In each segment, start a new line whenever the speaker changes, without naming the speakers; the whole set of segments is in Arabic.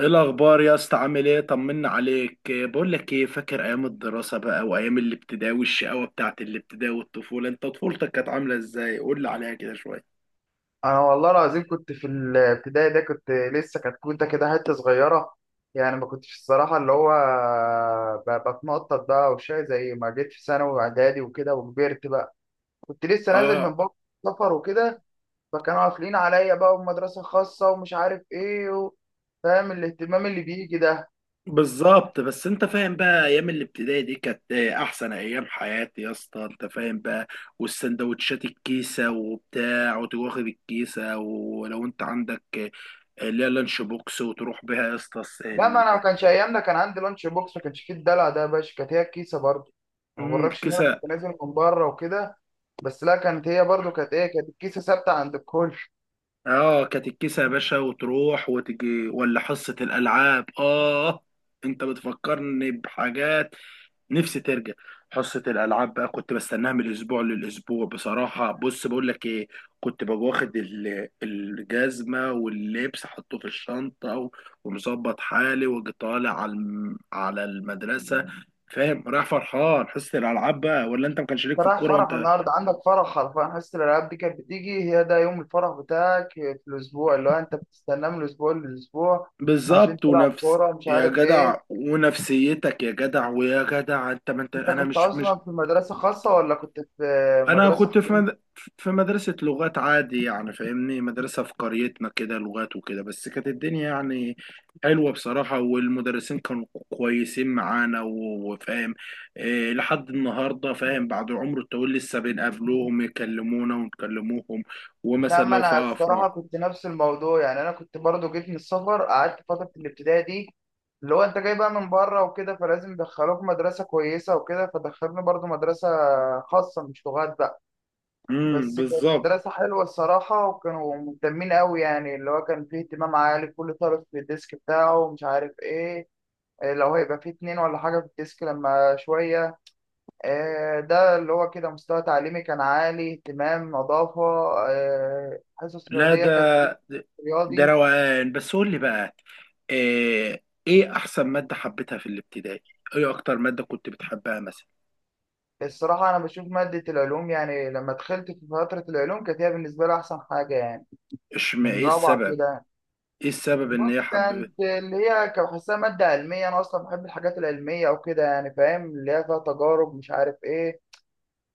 ايه الاخبار يا اسطى؟ عامل ايه؟ طمنا عليك. إيه، بقول لك ايه، فاكر ايام الدراسه بقى وايام الابتدائي والشقاوه بتاعت الابتدائي والطفوله؟ انت طفولتك كانت عامله ازاي؟ قول لي عليها كده شويه.
انا والله العظيم كنت في الابتدائي ده، كنت لسه كتكوته كده حته صغيره. يعني ما كنتش الصراحه اللي هو بتنطط بقى وشاي زي ما جيت في ثانوي واعدادي وكده وكبرت بقى. كنت لسه نازل
اه
من بره، سفر وكده. فكانوا قافلين عليا بقى، ومدرسه خاصه ومش عارف ايه فاهم الاهتمام اللي بيجي ده.
بالظبط، بس انت فاهم بقى، ايام الابتدائي دي كانت إيه، احسن ايام حياتي يا اسطى، انت فاهم بقى. والسندوتشات الكيسه وبتاع، وتواخد الكيسه، ولو انت عندك إيه، اللي هي لانش بوكس وتروح بيها يا اسطى.
لا ما انا، ما كانش ايامنا كان عندي لانش بوكس، ما كانش فيه الدلع ده يا باشا، كانت هي الكيسه برضه. ما بغركش ان انا
الكيسه.
كنت نازل من بره وكده. بس لا، كانت هي برضو، كانت ايه، كانت الكيسه ثابته عند الكل.
اه كانت الكيسة يا باشا، وتروح وتجي، ولا حصة الألعاب، اه انت بتفكرني بحاجات، نفسي ترجع. حصة الألعاب بقى كنت بستناها من الأسبوع للأسبوع بصراحة. بص بقول لك ايه، كنت ببقى واخد الجزمة واللبس، حطه في الشنطة ومظبط حالي، واجي طالع على على المدرسة. فاهم؟ رايح فرحان حصة الألعاب بقى، ولا انت ما كانش ليك في
انت رايح
الكورة
فرح
وانت؟
النهارده؟ عندك فرح حرفيا، حصة الالعاب دي كانت بتيجي هي ده يوم الفرح بتاعك في الاسبوع، اللي هو انت بتستناه من الاسبوع للاسبوع عشان
بالظبط.
تلعب
ونفس،
كوره مش
يا
عارف
جدع،
ايه.
ونفسيتك يا جدع، ويا جدع انت، ما انت
انت
انا
كنت
مش.
اصلا في مدرسه خاصه ولا كنت في
انا
مدرسه
كنت في
حكومه؟
مد... في مدرسة لغات عادي يعني، فاهمني، مدرسة في قريتنا كده لغات وكده، بس كانت الدنيا يعني حلوة بصراحة، والمدرسين كانوا كويسين معانا وفاهم إيه، لحد النهاردة فاهم، بعد عمر الطويل لسه بنقابلوهم، يكلمونا ونكلموهم،
لا
ومثلا
ما
لو في
انا الصراحه
افراح.
كنت نفس الموضوع، يعني انا كنت برضو جيت من السفر، قعدت فتره الابتدائي دي اللي هو انت جاي بقى من بره وكده، فلازم يدخلوك مدرسه كويسه وكده، فدخلوني برضو مدرسه خاصه مش لغات بقى. بس كانت
بالظبط.
مدرسة حلوة الصراحة، وكانوا مهتمين أوي، يعني اللي هو كان فيه اهتمام عالي، كل طالب في الديسك بتاعه ومش عارف إيه، إيه لو هيبقى فيه اتنين ولا حاجة في الديسك لما شوية. إيه ده اللي هو كده، مستوى تعليمي كان عالي، اهتمام، نظافة، إيه، حصص
لا
رياضية
ده،
كانت دروس
ده
رياضي.
روقان. بس قول لي بقى، إيه, ايه احسن مادة حبيتها في الابتدائي؟ ايه اكتر مادة كنت بتحبها مثلا؟
الصراحة أنا بشوف مادة العلوم، يعني لما دخلت في فترة العلوم كانت هي بالنسبة لي أحسن حاجة يعني.
اشمعنى؟
من
ايه
رابعة
السبب؟
كده.
ايه السبب ان هي
بص كانت
حببت؟
اللي هي كان بحسها مادة علمية، أنا أصلا بحب الحاجات العلمية أو كده يعني، فاهم اللي هي فيها تجارب مش عارف إيه.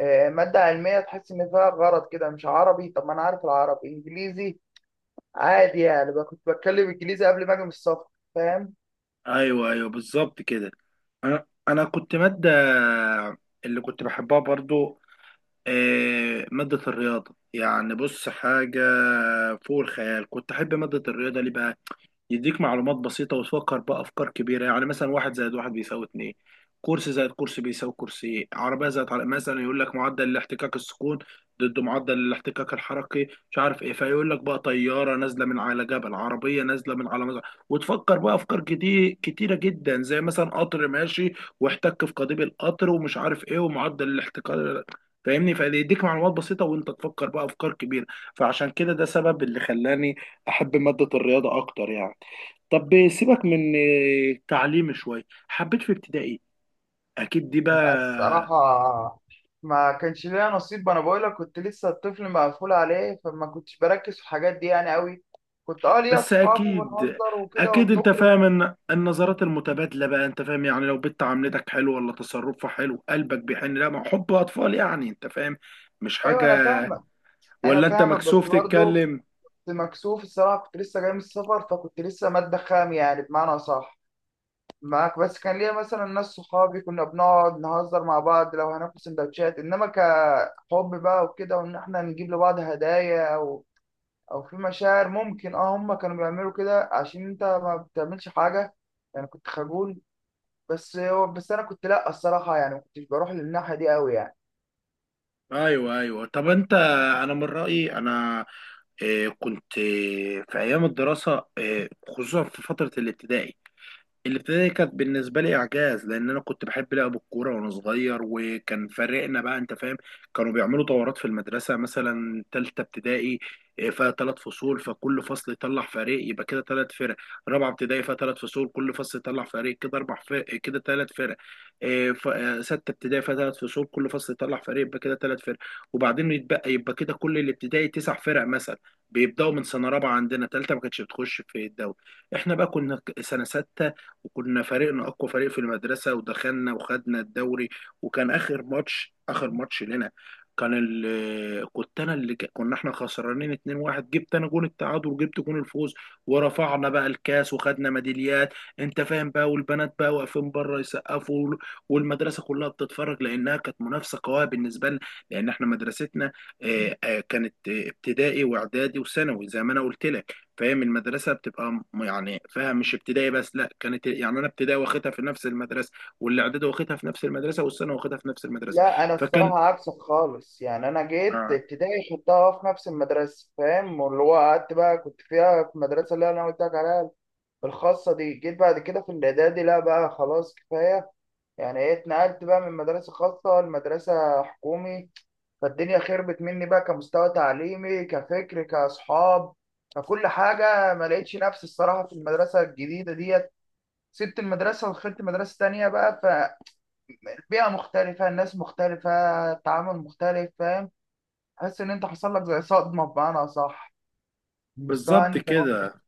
آه، مادة علمية تحس إن فيها غرض كده، مش عربي. طب ما أنا عارف العربي، إنجليزي عادي، يعني بقى كنت بتكلم إنجليزي قبل ما أجي من السفر، فاهم.
ايوه ايوه بالظبط كده. انا كنت مادة اللي كنت بحبها برضو إيه، مادة الرياضة. يعني بص، حاجة فوق الخيال. كنت احب مادة الرياضة ليه بقى؟ يديك معلومات بسيطة وتفكر بأفكار كبيرة. يعني مثلا واحد زائد واحد بيساوي اتنين، كرسي زائد كرسي بيساوي كرسي، عربية زائد عربية، مثلا يقول لك معدل الاحتكاك السكون ضد معدل الاحتكاك الحركي مش عارف ايه، فيقول لك بقى طيارة نازلة من على جبل، عربية نازلة من على مزرعة، وتفكر بقى أفكار كتير، كتيرة جدا، زي مثلا قطر ماشي واحتك في قضيب القطر ومش عارف ايه ومعدل الاحتكاك. فاهمني؟ فيديك معلومات بسيطة وانت تفكر بقى أفكار كبيرة. فعشان كده ده سبب اللي خلاني أحب مادة الرياضة أكتر يعني. طب سيبك من التعليم شوية. حبيت في ابتدائي أكيد دي
بس
بقى،
الصراحة ما كانش ليا نصيب، ما أنا بقولك كنت لسه الطفل مقفول عليه، فما كنتش بركز في الحاجات دي يعني أوي. كنت أه ليا
بس
أصحاب،
أكيد،
وبنهزر وكده
أكيد أنت
وبنخرج.
فاهم إن النظرات المتبادلة بقى، أنت فاهم يعني، لو بنت عاملتك حلو، ولا تصرفها حلو، قلبك بيحن، لا ما هو حب أطفال يعني، أنت فاهم، مش
أيوه
حاجة.
أنا فاهمك. أنا
ولا أنت
فاهمك بس
مكسوف
برضه
تتكلم؟
كنت مكسوف الصراحة، كنت لسه جاي من السفر فكنت لسه مادة خام يعني، بمعنى صح معاك. بس كان ليا مثلا ناس صحابي كنا بنقعد نهزر مع بعض، لو هناكل سندوتشات إنما كحب بقى وكده، وإن إحنا نجيب لبعض هدايا، أو في مشاعر، ممكن أه هما كانوا بيعملوا كده عشان أنت ما بتعملش حاجة، يعني كنت خجول. بس أنا كنت لأ الصراحة يعني ما كنتش بروح للناحية دي أوي يعني.
أيوه أيوه. طب أنت، أنا من رأيي أنا كنت في أيام الدراسة، خصوصا في فترة الابتدائي، الابتدائي كانت بالنسبة لي إعجاز، لأن أنا كنت بحب لعب الكورة وأنا صغير، وكان فريقنا بقى أنت فاهم. كانوا بيعملوا دورات في المدرسة. مثلا تالتة ابتدائي إيه، فيها تلات فصول، فكل فصل يطلع فريق، يبقى كده تلات فرق. رابعة ابتدائي فيها تلات فصول، كل فصل يطلع فريق، كده أربع فرق، كده تلات فرق. إيه، ستة ابتدائي فيها تلات فصول، كل فصل يطلع فريق، يبقى كده تلات فرق. وبعدين يتبقى، يبقى كده كل الابتدائي تسع فرق مثلا. بيبدأوا من سنة رابعة، عندنا تالتة ما كانتش بتخش في الدوري. احنا بقى كنا سنة ستة، وكنا فريقنا اقوى فريق في المدرسه، ودخلنا وخدنا الدوري. وكان اخر ماتش، اخر ماتش لنا، كنت انا اللي كنا احنا خسرانين 2-1، جبت انا جون التعادل وجبت جون الفوز، ورفعنا بقى الكاس وخدنا ميداليات، انت فاهم بقى، والبنات بقى واقفين بره يسقفوا والمدرسه كلها بتتفرج، لانها كانت منافسه قويه بالنسبه لنا، لان احنا مدرستنا كانت ابتدائي واعدادي وثانوي، زي ما انا قلت لك. فاهم؟ المدرسه بتبقى يعني فاهم، مش ابتدائي بس، لا كانت يعني انا ابتدائي واخدها في نفس المدرسه، والاعدادي واخدها في نفس المدرسه، والسنه واخدها في نفس المدرسه.
لا انا
فكان
الصراحه عكسك خالص، يعني انا جيت
آه،
ابتدائي خدتها في نفس المدرسه فاهم، واللي هو قعدت بقى كنت فيها في المدرسه اللي انا قلت لك عليها الخاصه دي. جيت بعد كده في الاعدادي، لا بقى خلاص كفايه، يعني ايه اتنقلت بقى من مدرسه خاصه لمدرسه حكومي. فالدنيا خربت مني بقى كمستوى تعليمي، كفكر، كاصحاب، فكل حاجه ما لقيتش نفسي الصراحه في المدرسه الجديده ديت. سبت المدرسه ودخلت مدرسه تانية بقى، بيئة مختلفة، الناس مختلفة، التعامل مختلف فاهم. حس ان انت حصل لك زي صدمة بمعنى اصح، المستوى
بالظبط
عندي كان وحش.
كده،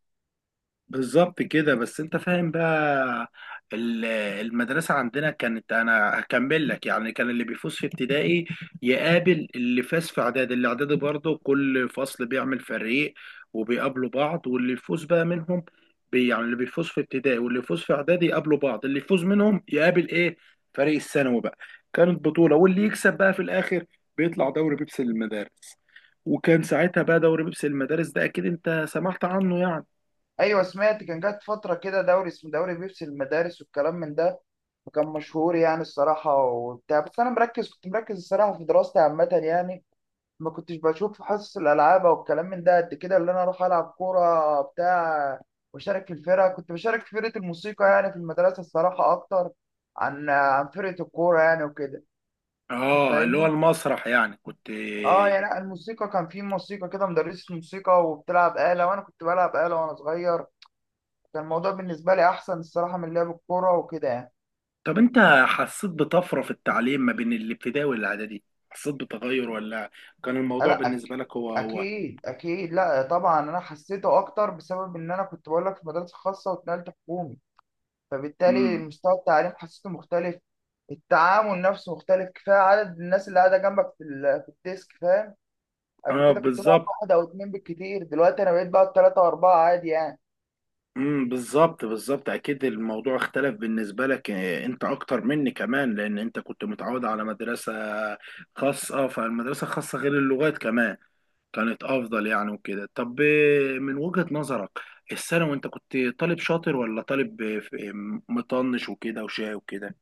بالظبط كده. بس انت فاهم بقى، ال- المدرسة عندنا كانت، انا هكمل لك يعني، كان اللي بيفوز في ابتدائي يقابل اللي فاز في اعدادي، اللي اعدادي برضه كل فصل بيعمل فريق، وبيقابلوا بعض، واللي يفوز بقى منهم، بي يعني اللي بيفوز في ابتدائي واللي يفوز في اعدادي يقابلوا بعض، اللي يفوز منهم يقابل ايه، فريق الثانوي بقى. كانت بطولة، واللي يكسب بقى في الاخر بيطلع دوري بيبسي للمدارس. وكان ساعتها بقى دوري بيبسي للمدارس ده اكيد انت سمعت عنه يعني.
ايوه سمعت، كان جات فترة كده دوري اسمه دوري بيبسي المدارس والكلام من ده، وكان مشهور يعني الصراحة وبتاع. بس انا مركز، كنت مركز الصراحة في دراستي عامة يعني، ما كنتش بشوف في حصص الالعاب او الكلام من ده قد كده، اللي انا اروح العب كورة بتاع. واشارك في الفرقة، كنت بشارك في فرقة الموسيقى يعني في المدرسة الصراحة، اكتر عن فرقة الكورة يعني وكده
اه اللي هو
فاهمني.
المسرح يعني كنت.
اه يعني لا، الموسيقى كان في موسيقى كده، مدرسة موسيقى وبتلعب آلة، وانا كنت بلعب آلة وانا صغير، كان الموضوع بالنسبة لي احسن الصراحة من لعب الكورة وكده يعني.
طب انت حسيت بطفرة في التعليم ما بين الابتدائي والاعدادي؟ حسيت بتغير، ولا كان
آه،
الموضوع
لا أك-
بالنسبة لك هو هو؟
اكيد اكيد، لا طبعا انا حسيته اكتر بسبب ان انا كنت بقول لك في مدرسة خاصة واتنقلت حكومي، فبالتالي
امم
مستوى التعليم حسيته مختلف. التعامل نفسه مختلف، كفايه عدد الناس اللي قاعده جنبك في الديسك، كفايه قبل
اه
كده كنت بقعد
بالظبط.
واحد او اتنين بالكتير، دلوقتي انا بقيت بقعد تلاته واربعه عادي يعني.
بالظبط، بالظبط. اكيد الموضوع اختلف بالنسبة لك، انت اكتر مني كمان، لان انت كنت متعود على مدرسة خاصة، فالمدرسة الخاصة غير اللغات كمان كانت افضل يعني وكده. طب من وجهة نظرك، الثانوي انت كنت طالب شاطر، ولا طالب مطنش وكده وشاي وكده؟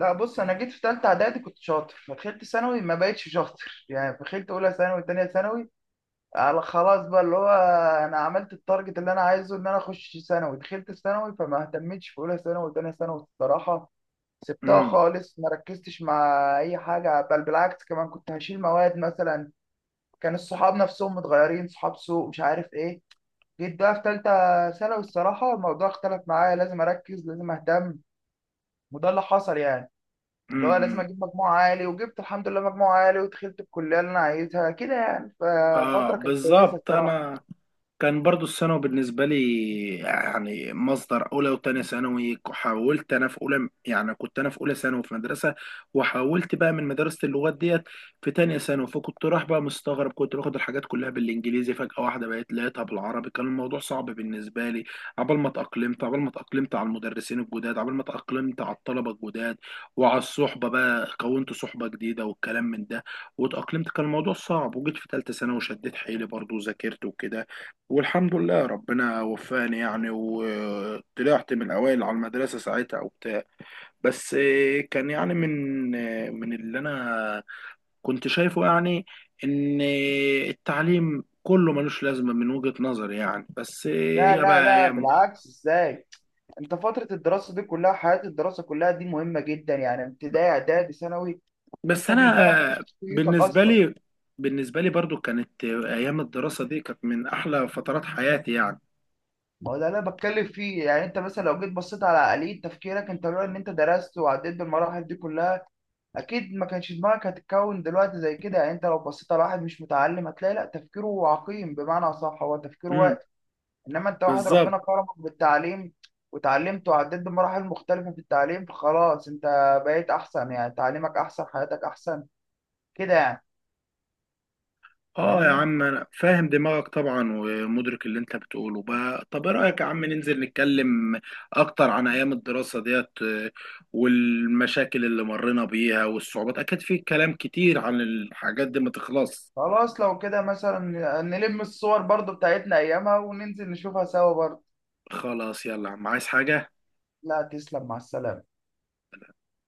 لا بص، انا جيت في ثالثه اعدادي كنت شاطر فدخلت ثانوي، ما بقتش شاطر يعني، دخلت اولى ثانوي، ثانيه ثانوي، على خلاص بقى اللي هو انا عملت التارجت اللي انا عايزه ان انا اخش ثانوي، دخلت ثانوي فما اهتمتش في اولى ثانوي وثانيه ثانوي الصراحه، سبتها
امم
خالص، ما ركزتش مع اي حاجه. بل بالعكس كمان كنت هشيل مواد مثلا، كان الصحاب نفسهم متغيرين، صحاب سوء مش عارف ايه. جيت بقى في ثالثه ثانوي الصراحه الموضوع اختلف معايا، لازم اركز، لازم اهتم، وده اللي حصل يعني، اللي هو
امم
لازم
امم.
اجيب مجموع عالي، وجبت الحمد لله مجموع عالي، ودخلت الكليه اللي انا عايزها كده يعني،
اه
ففتره كانت كويسه
بالظبط.
الصراحه.
انا كان برضو الثانوي بالنسبة لي يعني مصدر، أولى وتانية ثانوي حاولت أنا، في أولى يعني كنت أنا في أولى ثانوي في مدرسة، وحاولت بقى من مدرسة اللغات ديت في تانية ثانوي، فكنت رايح بقى مستغرب، كنت باخد الحاجات كلها بالإنجليزي، فجأة واحدة بقيت لقيتها بالعربي، كان الموضوع صعب بالنسبة لي. عبال ما اتأقلمت على المدرسين الجداد، عبال ما اتأقلمت على الطلبة الجداد، وعلى الصحبة بقى، كونت صحبة جديدة والكلام من ده، واتأقلمت. كان الموضوع صعب. وجيت في تالتة ثانوي وشديت حيلي برضو، وذاكرت وكده، والحمد لله ربنا وفاني يعني، وطلعت من الأوائل على المدرسة ساعتها وبتاع. بس كان يعني، من اللي أنا كنت شايفه يعني، إن التعليم كله ملوش لازمة من وجهة نظري يعني، بس
لا
يا
لا
بقى
لا،
يا.
بالعكس، ازاي؟ انت فتره الدراسه دي كلها، حياه الدراسه كلها دي مهمه جدا يعني، ابتدائي اعدادي ثانوي،
بس
انت بيبان بقى
أنا
شخصيتك
بالنسبة
اصلا.
لي، بالنسبة لي برضو كانت أيام الدراسة دي كانت من أحلى فترات حياتي يعني.
ما هو ده اللي انا بتكلم فيه، يعني انت مثلا لو جيت بصيت على آلية تفكيرك انت، لولا ان انت درست وعديت بالمراحل دي كلها اكيد ما كانش دماغك هتتكون دلوقتي زي كده. يعني انت لو بصيت على واحد مش متعلم هتلاقي لا تفكيره عقيم بمعنى صح، هو تفكيره واعي،
امم
انما انت واحد
بالظبط.
ربنا كرمك بالتعليم، وتعلمت وعديت بمراحل مختلفة في التعليم، فخلاص انت بقيت احسن يعني، تعليمك احسن، حياتك احسن كده يعني.
اه يا
فاهمني،
عم، انا فاهم دماغك طبعا، ومدرك اللي انت بتقوله بقى. طب ايه رايك يا عم ننزل نتكلم اكتر عن ايام الدراسه ديت والمشاكل اللي مرينا بيها والصعوبات، اكيد في كلام كتير عن الحاجات دي ما تخلص.
خلاص لو كده مثلا نلم الصور برضو بتاعتنا ايامها وننزل نشوفها سوا برضو.
خلاص يلا يا عم، عايز حاجه؟
لا، تسلم، مع السلامة.